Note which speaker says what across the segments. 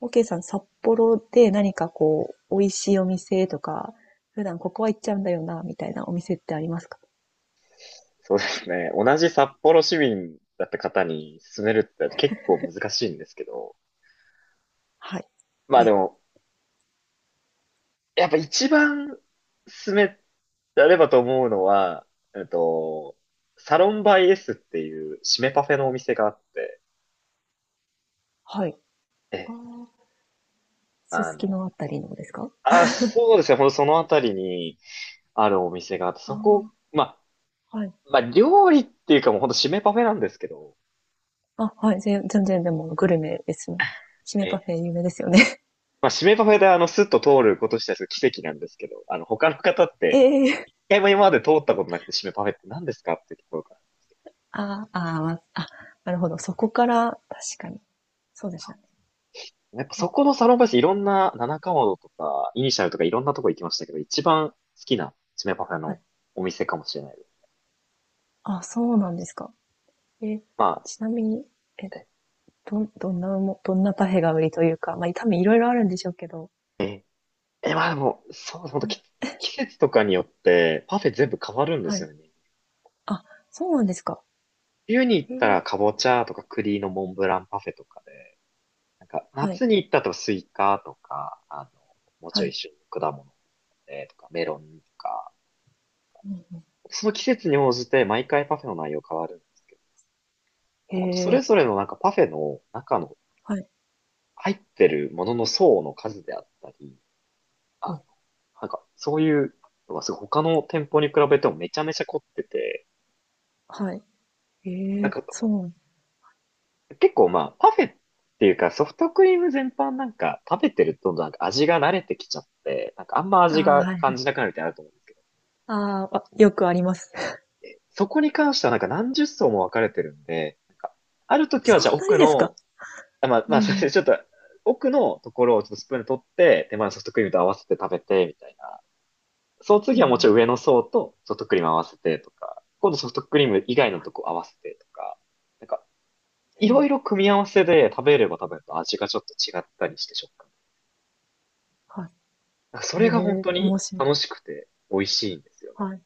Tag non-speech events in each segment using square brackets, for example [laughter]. Speaker 1: OK さん、札幌で何かこう、美味しいお店とか、普段ここは行っちゃうんだよな、みたいなお店ってありますか？
Speaker 2: そうですね。同じ札幌市民だった方に勧めるって結構難しいんですけど。
Speaker 1: はい。
Speaker 2: まあで
Speaker 1: で、
Speaker 2: も、やっぱ一番勧められればと思うのは、えっと、サロンバイ S っていう締めパフェのお店があって、
Speaker 1: はい。
Speaker 2: え
Speaker 1: あ
Speaker 2: え、
Speaker 1: あ、す
Speaker 2: あ
Speaker 1: すき
Speaker 2: の、
Speaker 1: のあたりのですか？
Speaker 2: あ、そうですね。ほんとそのあたりにあるお店があって、そ
Speaker 1: あ
Speaker 2: こ、まあ、
Speaker 1: あ、はい。
Speaker 2: まあ料理っていうかもうほんと締めパフェなんですけど、
Speaker 1: あ、はい。全然でもグルメですね。姫
Speaker 2: え
Speaker 1: パフェ
Speaker 2: え、
Speaker 1: 有名ですよね。
Speaker 2: まあ締めパフェでスッと通ることしたら奇跡なんですけど、他の方って、
Speaker 1: [laughs] ええ。
Speaker 2: 回も今まで通ったことなくて、締めパフェって何ですかっていうところから。
Speaker 1: ああ、あーまあ、なるほど。そこから、確かに。そうですね。
Speaker 2: やっぱ
Speaker 1: う
Speaker 2: そ
Speaker 1: ん、
Speaker 2: このサロンパスいろんな七かまどとか、イニシャルとかいろんなとこ行きましたけど、一番好きな締めパフェ
Speaker 1: は
Speaker 2: の
Speaker 1: い。
Speaker 2: お店かもしれないです。
Speaker 1: あ、そうなんですか。え、
Speaker 2: まあ、
Speaker 1: ちなみに、え、
Speaker 2: え、
Speaker 1: どんなパフェが売りというか、まあ、多分いろいろあるんでしょうけど、
Speaker 2: まあでも、そう、ほんと季節とかによってパフェ全部変わるんで
Speaker 1: は
Speaker 2: す
Speaker 1: い。
Speaker 2: よね。
Speaker 1: あ、そうなんですか。
Speaker 2: 冬に行っ
Speaker 1: へ
Speaker 2: たら
Speaker 1: え。
Speaker 2: かぼちゃとか栗のモンブランパフェとかで、なんか
Speaker 1: はい、
Speaker 2: 夏に行ったらスイカとか、もうち
Speaker 1: は
Speaker 2: ょい
Speaker 1: い。
Speaker 2: 一緒に果物、とかメロンとか、
Speaker 1: うんうん。
Speaker 2: その季節に応じて毎回パフェの内容変わるん
Speaker 1: へ
Speaker 2: ほんとそれ
Speaker 1: え。
Speaker 2: ぞれのなんかパフェの中の
Speaker 1: はい。
Speaker 2: 入ってるものの層の数であったり、
Speaker 1: うん。
Speaker 2: あ、なんかそういうのがすごい他の店舗に比べてもめちゃめちゃ凝ってて、
Speaker 1: はい。え
Speaker 2: なん
Speaker 1: え、
Speaker 2: か
Speaker 1: そう。
Speaker 2: 結構まあパフェっていうかソフトクリーム全般なんか食べてるとなんか味が慣れてきちゃって、なんかあんま
Speaker 1: あ
Speaker 2: 味
Speaker 1: あ、は
Speaker 2: が
Speaker 1: いは
Speaker 2: 感
Speaker 1: い
Speaker 2: じなくなるみたいなのあると思うんですけど、
Speaker 1: うんうんへえはいうんはいへえそうああ、あ、よくあります。
Speaker 2: そこに関してはなんか何十層も分かれてるんで、なんかある
Speaker 1: [laughs]
Speaker 2: 時は
Speaker 1: そん
Speaker 2: じゃあ
Speaker 1: なに
Speaker 2: 奥
Speaker 1: ですか？
Speaker 2: の、まあ
Speaker 1: うん
Speaker 2: ま
Speaker 1: う
Speaker 2: あそれ [laughs]
Speaker 1: ん。
Speaker 2: ちょっと奥のところをちょっとスプーンで取って、手前のソフトクリームと合わせて食べて、みたいな。その
Speaker 1: う
Speaker 2: 次はもち
Speaker 1: ん
Speaker 2: ろん上の層とソフトクリーム合わせてとか、今度ソフトクリーム以外のとこ合わせてとか、なんか、い
Speaker 1: へえ、
Speaker 2: ろいろ組み合わせで食べれば食べると味がちょっと違ったりして食感。
Speaker 1: は
Speaker 2: なんかそ
Speaker 1: い。へ
Speaker 2: れが本
Speaker 1: え、
Speaker 2: 当
Speaker 1: 面
Speaker 2: に
Speaker 1: 白い。
Speaker 2: 楽しくて美味しいんですよね。
Speaker 1: はい。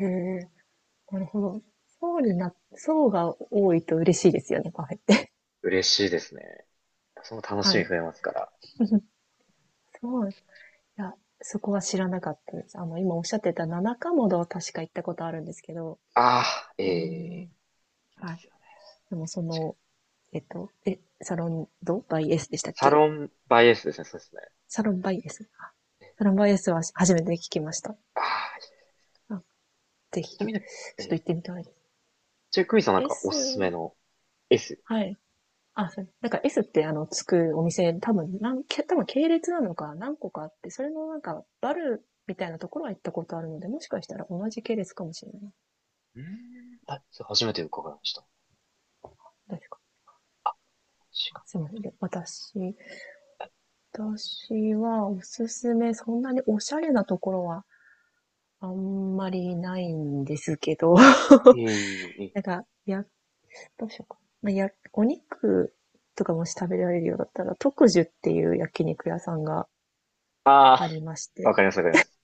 Speaker 1: へえ、なるほど。層にな層が多いと嬉しいですよね、カフェって。
Speaker 2: 嬉しいですね。その
Speaker 1: [laughs]
Speaker 2: 楽し
Speaker 1: は
Speaker 2: み
Speaker 1: い。
Speaker 2: 増えますから。
Speaker 1: [laughs] そうなんです。いや、そこは知らなかったです。今おっしゃってた七かまどは確か行ったことあるんですけど。
Speaker 2: ああ、え
Speaker 1: うー
Speaker 2: え
Speaker 1: ん、
Speaker 2: ー、いま
Speaker 1: はい。
Speaker 2: すよね。
Speaker 1: でも
Speaker 2: 確かに。
Speaker 1: サロンドバイエスでしたっ
Speaker 2: サ
Speaker 1: け？
Speaker 2: ロンバイエースですね、そうですね。
Speaker 1: サロンバイエスサロンバイエスは初めて聞きました。
Speaker 2: ああ、いいで
Speaker 1: あ、ぜ
Speaker 2: す。
Speaker 1: ひ、
Speaker 2: ち
Speaker 1: ち
Speaker 2: な
Speaker 1: ょ
Speaker 2: みにね、え
Speaker 1: っと
Speaker 2: ー、
Speaker 1: 行ってみたい
Speaker 2: ちなみにクミさんなん
Speaker 1: で
Speaker 2: かお
Speaker 1: す。S、
Speaker 2: すすめの S。
Speaker 1: はい。あ、そうなんか S ってあの、つくお店、多分系列なのか何個かあって、それのなんか、バルみたいなところは行ったことあるので、もしかしたら同じ系列かもしれない。
Speaker 2: うーん、あ、それ初めて伺いました。確
Speaker 1: 確か
Speaker 2: か
Speaker 1: な。すみません。私はおすすめ、そんなにおしゃれなところはあんまりないんですけど、[laughs]
Speaker 2: に、ええええ、
Speaker 1: なんか、や、どうしようか。まあ、や、お肉とかもし食べられるようだったら、特樹っていう焼肉屋さんが
Speaker 2: あ
Speaker 1: ありまし
Speaker 2: あ、わ
Speaker 1: て。
Speaker 2: かります、わかります。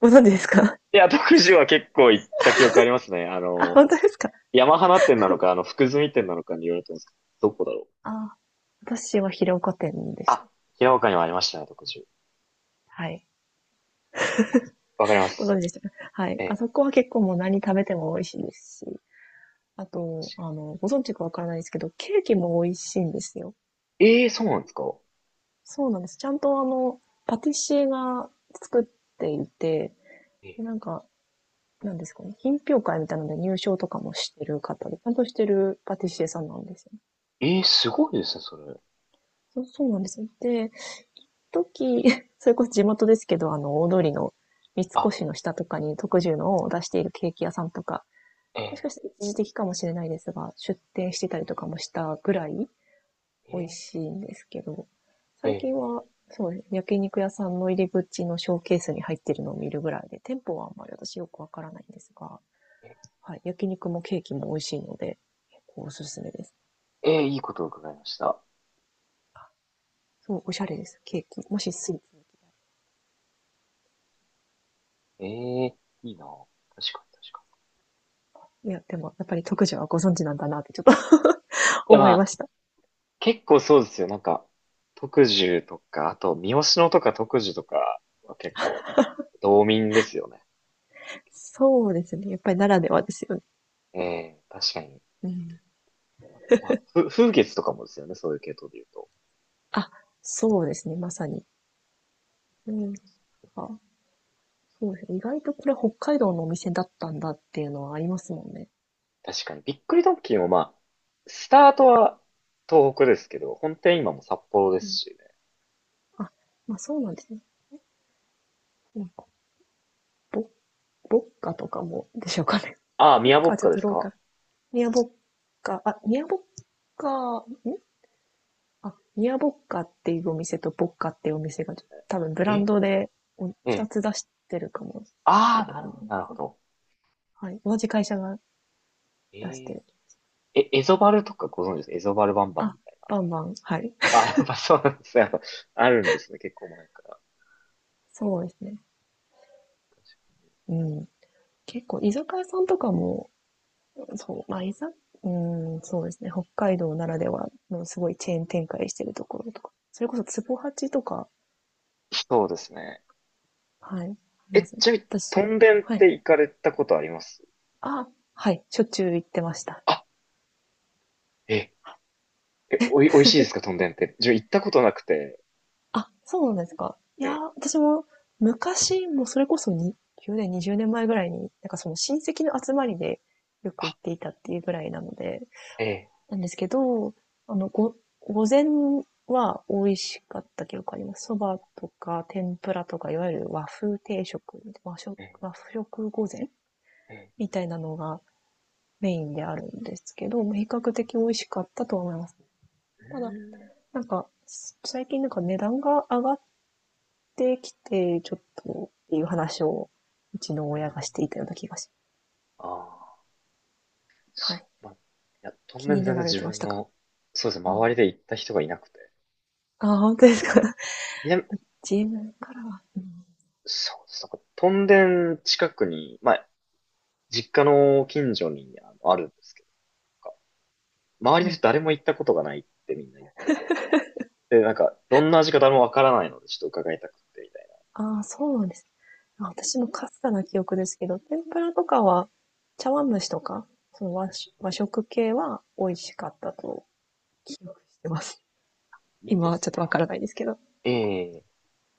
Speaker 1: ご存知ですか？
Speaker 2: いや、徳島は結構行った記憶ありますね。
Speaker 1: [laughs] あ、本当ですか？
Speaker 2: 山花店なのか、福住店なのかによると思うんですけど、どこだろう。
Speaker 1: あ、私は広岡店でした。
Speaker 2: 平岡にもありましたね、徳島。い
Speaker 1: はい。
Speaker 2: や、わかりま
Speaker 1: ご
Speaker 2: す。
Speaker 1: 存知でしたか？はい。あ
Speaker 2: え、
Speaker 1: そこは結構もう何食べても美味しいですし、あと、ご存知かわからないですけど、ケーキも美味しいんですよ。
Speaker 2: えー、そうなんですか？
Speaker 1: そうなんです。ちゃんとパティシエが作っていて、
Speaker 2: え、
Speaker 1: でなんか、なんですかね、品評会みたいなので入賞とかもしてる方で、ちゃんとしてるパティシエさんなんですよね。
Speaker 2: えー、すごいですね、それ。
Speaker 1: そうそうなんですよね。で、時、[laughs] それこそ地元ですけど、大通りの三
Speaker 2: あ、
Speaker 1: 越の下とかに特需のを出しているケーキ屋さんとか、
Speaker 2: え
Speaker 1: もしかしたら一時的かもしれないですが、出店してたりとかもしたぐらい
Speaker 2: ー、
Speaker 1: 美味
Speaker 2: え
Speaker 1: しいんですけど、
Speaker 2: ー、
Speaker 1: 最近は、
Speaker 2: え
Speaker 1: そうですね、焼肉屋さんの入り口のショーケースに入ってるのを見るぐらいで、店舗はあんまり私よくわからないんですが、
Speaker 2: ー、え
Speaker 1: はい。焼肉もケーキも美味しいので、結構おすすめです。
Speaker 2: いいことを伺いました。
Speaker 1: そう、おしゃれです。ケーキ。もしスイーツ。
Speaker 2: えー、いいな。確かに、確か
Speaker 1: いや、でも、やっぱり特需はご存知なんだなってちょっと [laughs]
Speaker 2: に。いや、
Speaker 1: 思
Speaker 2: ま
Speaker 1: いま
Speaker 2: あ、
Speaker 1: した。
Speaker 2: 結構そうですよ。なんか、徳寿とか、あと、三好野とか徳寿とかは結構、道民ですよね。
Speaker 1: そうですね。やっぱりならではですよね。
Speaker 2: ええ、確かに。
Speaker 1: うん。
Speaker 2: まあ、風月とかもですよね、そういう系統で言うと。
Speaker 1: あ、そうですね。まさに。うん。あ、そうですね。意外とこれ北海道のお店だったんだっていうのはありますもんね。
Speaker 2: 確かに。びっくりドンキーもまあ、スタートは東北ですけど、本店今も札幌で
Speaker 1: う
Speaker 2: す
Speaker 1: ん。
Speaker 2: しね。
Speaker 1: あ、まあそうなんですね。なんか、ボッ、ボッカとかもでしょうかね。
Speaker 2: ああ、
Speaker 1: ボッ
Speaker 2: 宮ぼ
Speaker 1: カ
Speaker 2: っ
Speaker 1: はちょ
Speaker 2: か
Speaker 1: っ
Speaker 2: で
Speaker 1: と
Speaker 2: す
Speaker 1: ローカ
Speaker 2: か？
Speaker 1: ル。ニアボッカ、あ、ニアボッカ、んあ、ミアボッカっていうお店とボッカっていうお店が、多分ブ
Speaker 2: え
Speaker 1: ランドでお
Speaker 2: え
Speaker 1: 二
Speaker 2: え。
Speaker 1: つ出してるかもしれ
Speaker 2: ああ、
Speaker 1: ない
Speaker 2: なるほど、なるほ
Speaker 1: です。
Speaker 2: ど。
Speaker 1: はい。同じ会社が出し
Speaker 2: え
Speaker 1: て
Speaker 2: え。
Speaker 1: る。
Speaker 2: エゾバルとかご存知です？エゾバルバンバン
Speaker 1: あ、
Speaker 2: みたい
Speaker 1: バンバン。はい。
Speaker 2: な。あ、やっぱそうなんですね。やっぱあるんですね、結構前から。
Speaker 1: [laughs] そうですね。うん。結構、居酒屋さんとかも、そう、まあ、いざ、うん、そうですね。北海道ならではのすごいチェーン展開してるところとか。それこそ、ツボハチとか、
Speaker 2: そうですね。
Speaker 1: はい、いますね。
Speaker 2: ちなみに、ト
Speaker 1: 私、
Speaker 2: ンデンっ
Speaker 1: はい。
Speaker 2: て行かれたことあります？
Speaker 1: あ、はい。しょっちゅう行ってました。
Speaker 2: あ、え、おいしいですか、トンデンって。自分行ったことなくて。
Speaker 1: あ、そうなんですか。いやー、
Speaker 2: え
Speaker 1: 私も昔、もうそれこそに1年、20年前ぐらいに、なんかその親戚の集まりでよく行っていたっていうぐらいなので、
Speaker 2: ええ、
Speaker 1: なんですけど、あの、ご、午前は美味しかった記憶あります。そばとか天ぷらとか、いわゆる和風定食、
Speaker 2: ええ、
Speaker 1: 和食午前
Speaker 2: ええ、
Speaker 1: みたいなのがメインであるんですけど、まあ比較的美味しかったとは思います。ただ、
Speaker 2: う
Speaker 1: なんか、最近なんか値段が上がっってきて、ちょっとっていう話を、うちの
Speaker 2: ーん、う
Speaker 1: 親
Speaker 2: ん。
Speaker 1: がしていたような気がし
Speaker 2: ああ、
Speaker 1: ます、は
Speaker 2: そ
Speaker 1: い。
Speaker 2: う、まあ、いや、当
Speaker 1: 気
Speaker 2: 面
Speaker 1: に
Speaker 2: 全
Speaker 1: な
Speaker 2: 然
Speaker 1: られ
Speaker 2: 自
Speaker 1: てまし
Speaker 2: 分
Speaker 1: たか？
Speaker 2: の、そうですね、
Speaker 1: うん。
Speaker 2: 周りで行った人がいなくて。
Speaker 1: あ、本当ですか？
Speaker 2: 南、
Speaker 1: [laughs] 自分からは。うん、
Speaker 2: そうです、なんか、トンデン近くに、まあ、実家の近所にあるんですけど、なんか周り
Speaker 1: は
Speaker 2: の
Speaker 1: い。
Speaker 2: 人誰も行ったことがないってみんな言ってて。で、なんか、どんな味か誰もわからないので、ちょっと伺いたくて、みたい
Speaker 1: ああ、そうなんです。あ私もかすかな記憶ですけど、天ぷらとかは、茶碗蒸しとか、その和食和食系は美味しかったと記憶してます。
Speaker 2: な。いい
Speaker 1: 今
Speaker 2: で
Speaker 1: はちょ
Speaker 2: す
Speaker 1: っとわ
Speaker 2: ね。
Speaker 1: からないですけど。
Speaker 2: ええ、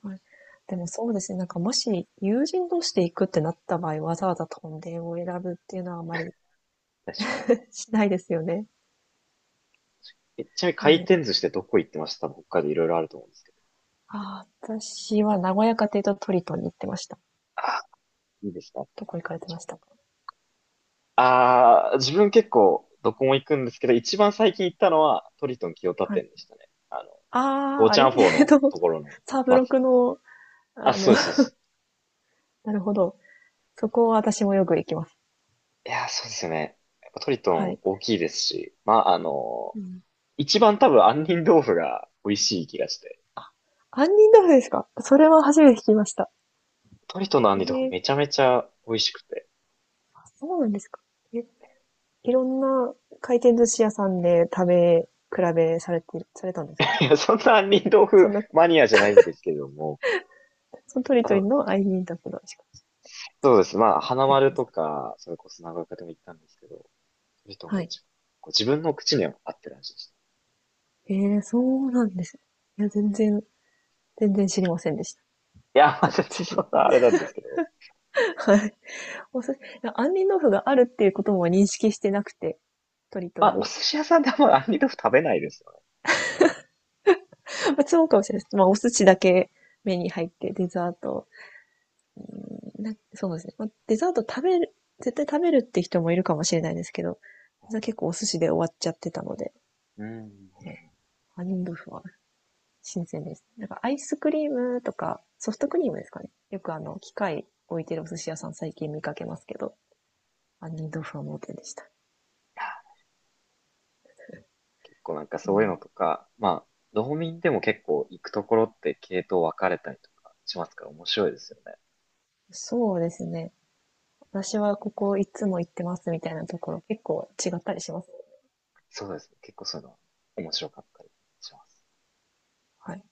Speaker 1: はい。でもそうですね、なんかもし友人同士で行くってなった場合、わざわざとんでんを選ぶっていうのはあまり
Speaker 2: 確か
Speaker 1: [laughs] しないですよね。
Speaker 2: に。ちなみに
Speaker 1: なん
Speaker 2: 回
Speaker 1: で、
Speaker 2: 転寿司ってどこ行ってました？多分北海道いろいろあると思うんですけど。
Speaker 1: ああ、私は名古屋家庭とトリトンに行ってました。
Speaker 2: ああ、いいですね。
Speaker 1: どこ行かれてましたか？
Speaker 2: ああ、自分結構どこも行くんですけど、一番最近行ったのはトリトン清田
Speaker 1: はい。
Speaker 2: 店でしたね。
Speaker 1: あ
Speaker 2: ゴー
Speaker 1: あ、あ
Speaker 2: チャ
Speaker 1: れ
Speaker 2: ンフォー
Speaker 1: [laughs] えっ
Speaker 2: の
Speaker 1: と、
Speaker 2: ところの
Speaker 1: サブロ
Speaker 2: 松。
Speaker 1: クの、
Speaker 2: あ、
Speaker 1: あの、
Speaker 2: そうです、そうで
Speaker 1: [laughs]
Speaker 2: す。
Speaker 1: なるほど。そこは私もよく行きます。
Speaker 2: いやー、そうですよね。やっぱトリト
Speaker 1: は
Speaker 2: ン
Speaker 1: い。
Speaker 2: 大きいですし、まあ、
Speaker 1: うん。
Speaker 2: 一番多分杏仁豆腐が美味しい気がして、
Speaker 1: 杏仁豆腐ですか？それは初めて聞きました。
Speaker 2: トリトンの杏仁豆
Speaker 1: え
Speaker 2: 腐
Speaker 1: え
Speaker 2: めちゃめちゃ美味しくて。
Speaker 1: あ、そうなんですか。え、いろんな回転寿司屋さんで食べ比べされたんですか？
Speaker 2: [laughs] いや、そんな杏仁豆腐
Speaker 1: そんな、
Speaker 2: マニアじゃないんですけれども、
Speaker 1: そのトリ
Speaker 2: あ
Speaker 1: トリ
Speaker 2: の
Speaker 1: の杏仁豆腐の味かっ
Speaker 2: そうです。まあ、花
Speaker 1: てこと
Speaker 2: 丸
Speaker 1: です
Speaker 2: と
Speaker 1: か？
Speaker 2: か、それこそ長岡でも行ったんですけど、トリトンが
Speaker 1: はい。
Speaker 2: 一番、こう自分の口には合ってる味でした。
Speaker 1: ええそうなんです。いや、全然知りませんでした。
Speaker 2: いや、まあ、
Speaker 1: ちょっと
Speaker 2: 全然
Speaker 1: 次。
Speaker 2: そんなあれなんですけど。
Speaker 1: はい。お寿杏仁豆腐があるっていうことも認識してなくて、トリト
Speaker 2: まあ、
Speaker 1: ン
Speaker 2: お
Speaker 1: に。
Speaker 2: 寿司屋さんであんま杏仁豆腐食べないですよね。
Speaker 1: まあ、そうかもしれないです。まあ、お寿司だけ目に入って、デザート。うんなそうですね。まあ、デザート食べる、絶対食べるって人もいるかもしれないですけど、結構お寿司で終わっちゃってたので、
Speaker 2: うん、うん、うん、
Speaker 1: 杏仁豆腐は新鮮です。なんかアイスクリームとか、ソフトクリームですかね。よく機械置いてるお寿司屋さん最近見かけますけど、杏仁豆腐は盲点でした。
Speaker 2: 結構なんか
Speaker 1: う
Speaker 2: そういうの
Speaker 1: ん、
Speaker 2: とか、まあ、道民でも結構行くところって系統分かれたりとかしますから面白いですよね。
Speaker 1: そうですね。私はここいつも行ってますみたいなところ結構違ったりします。
Speaker 2: そうですね。結構そういうのは面白かったりします。
Speaker 1: はい。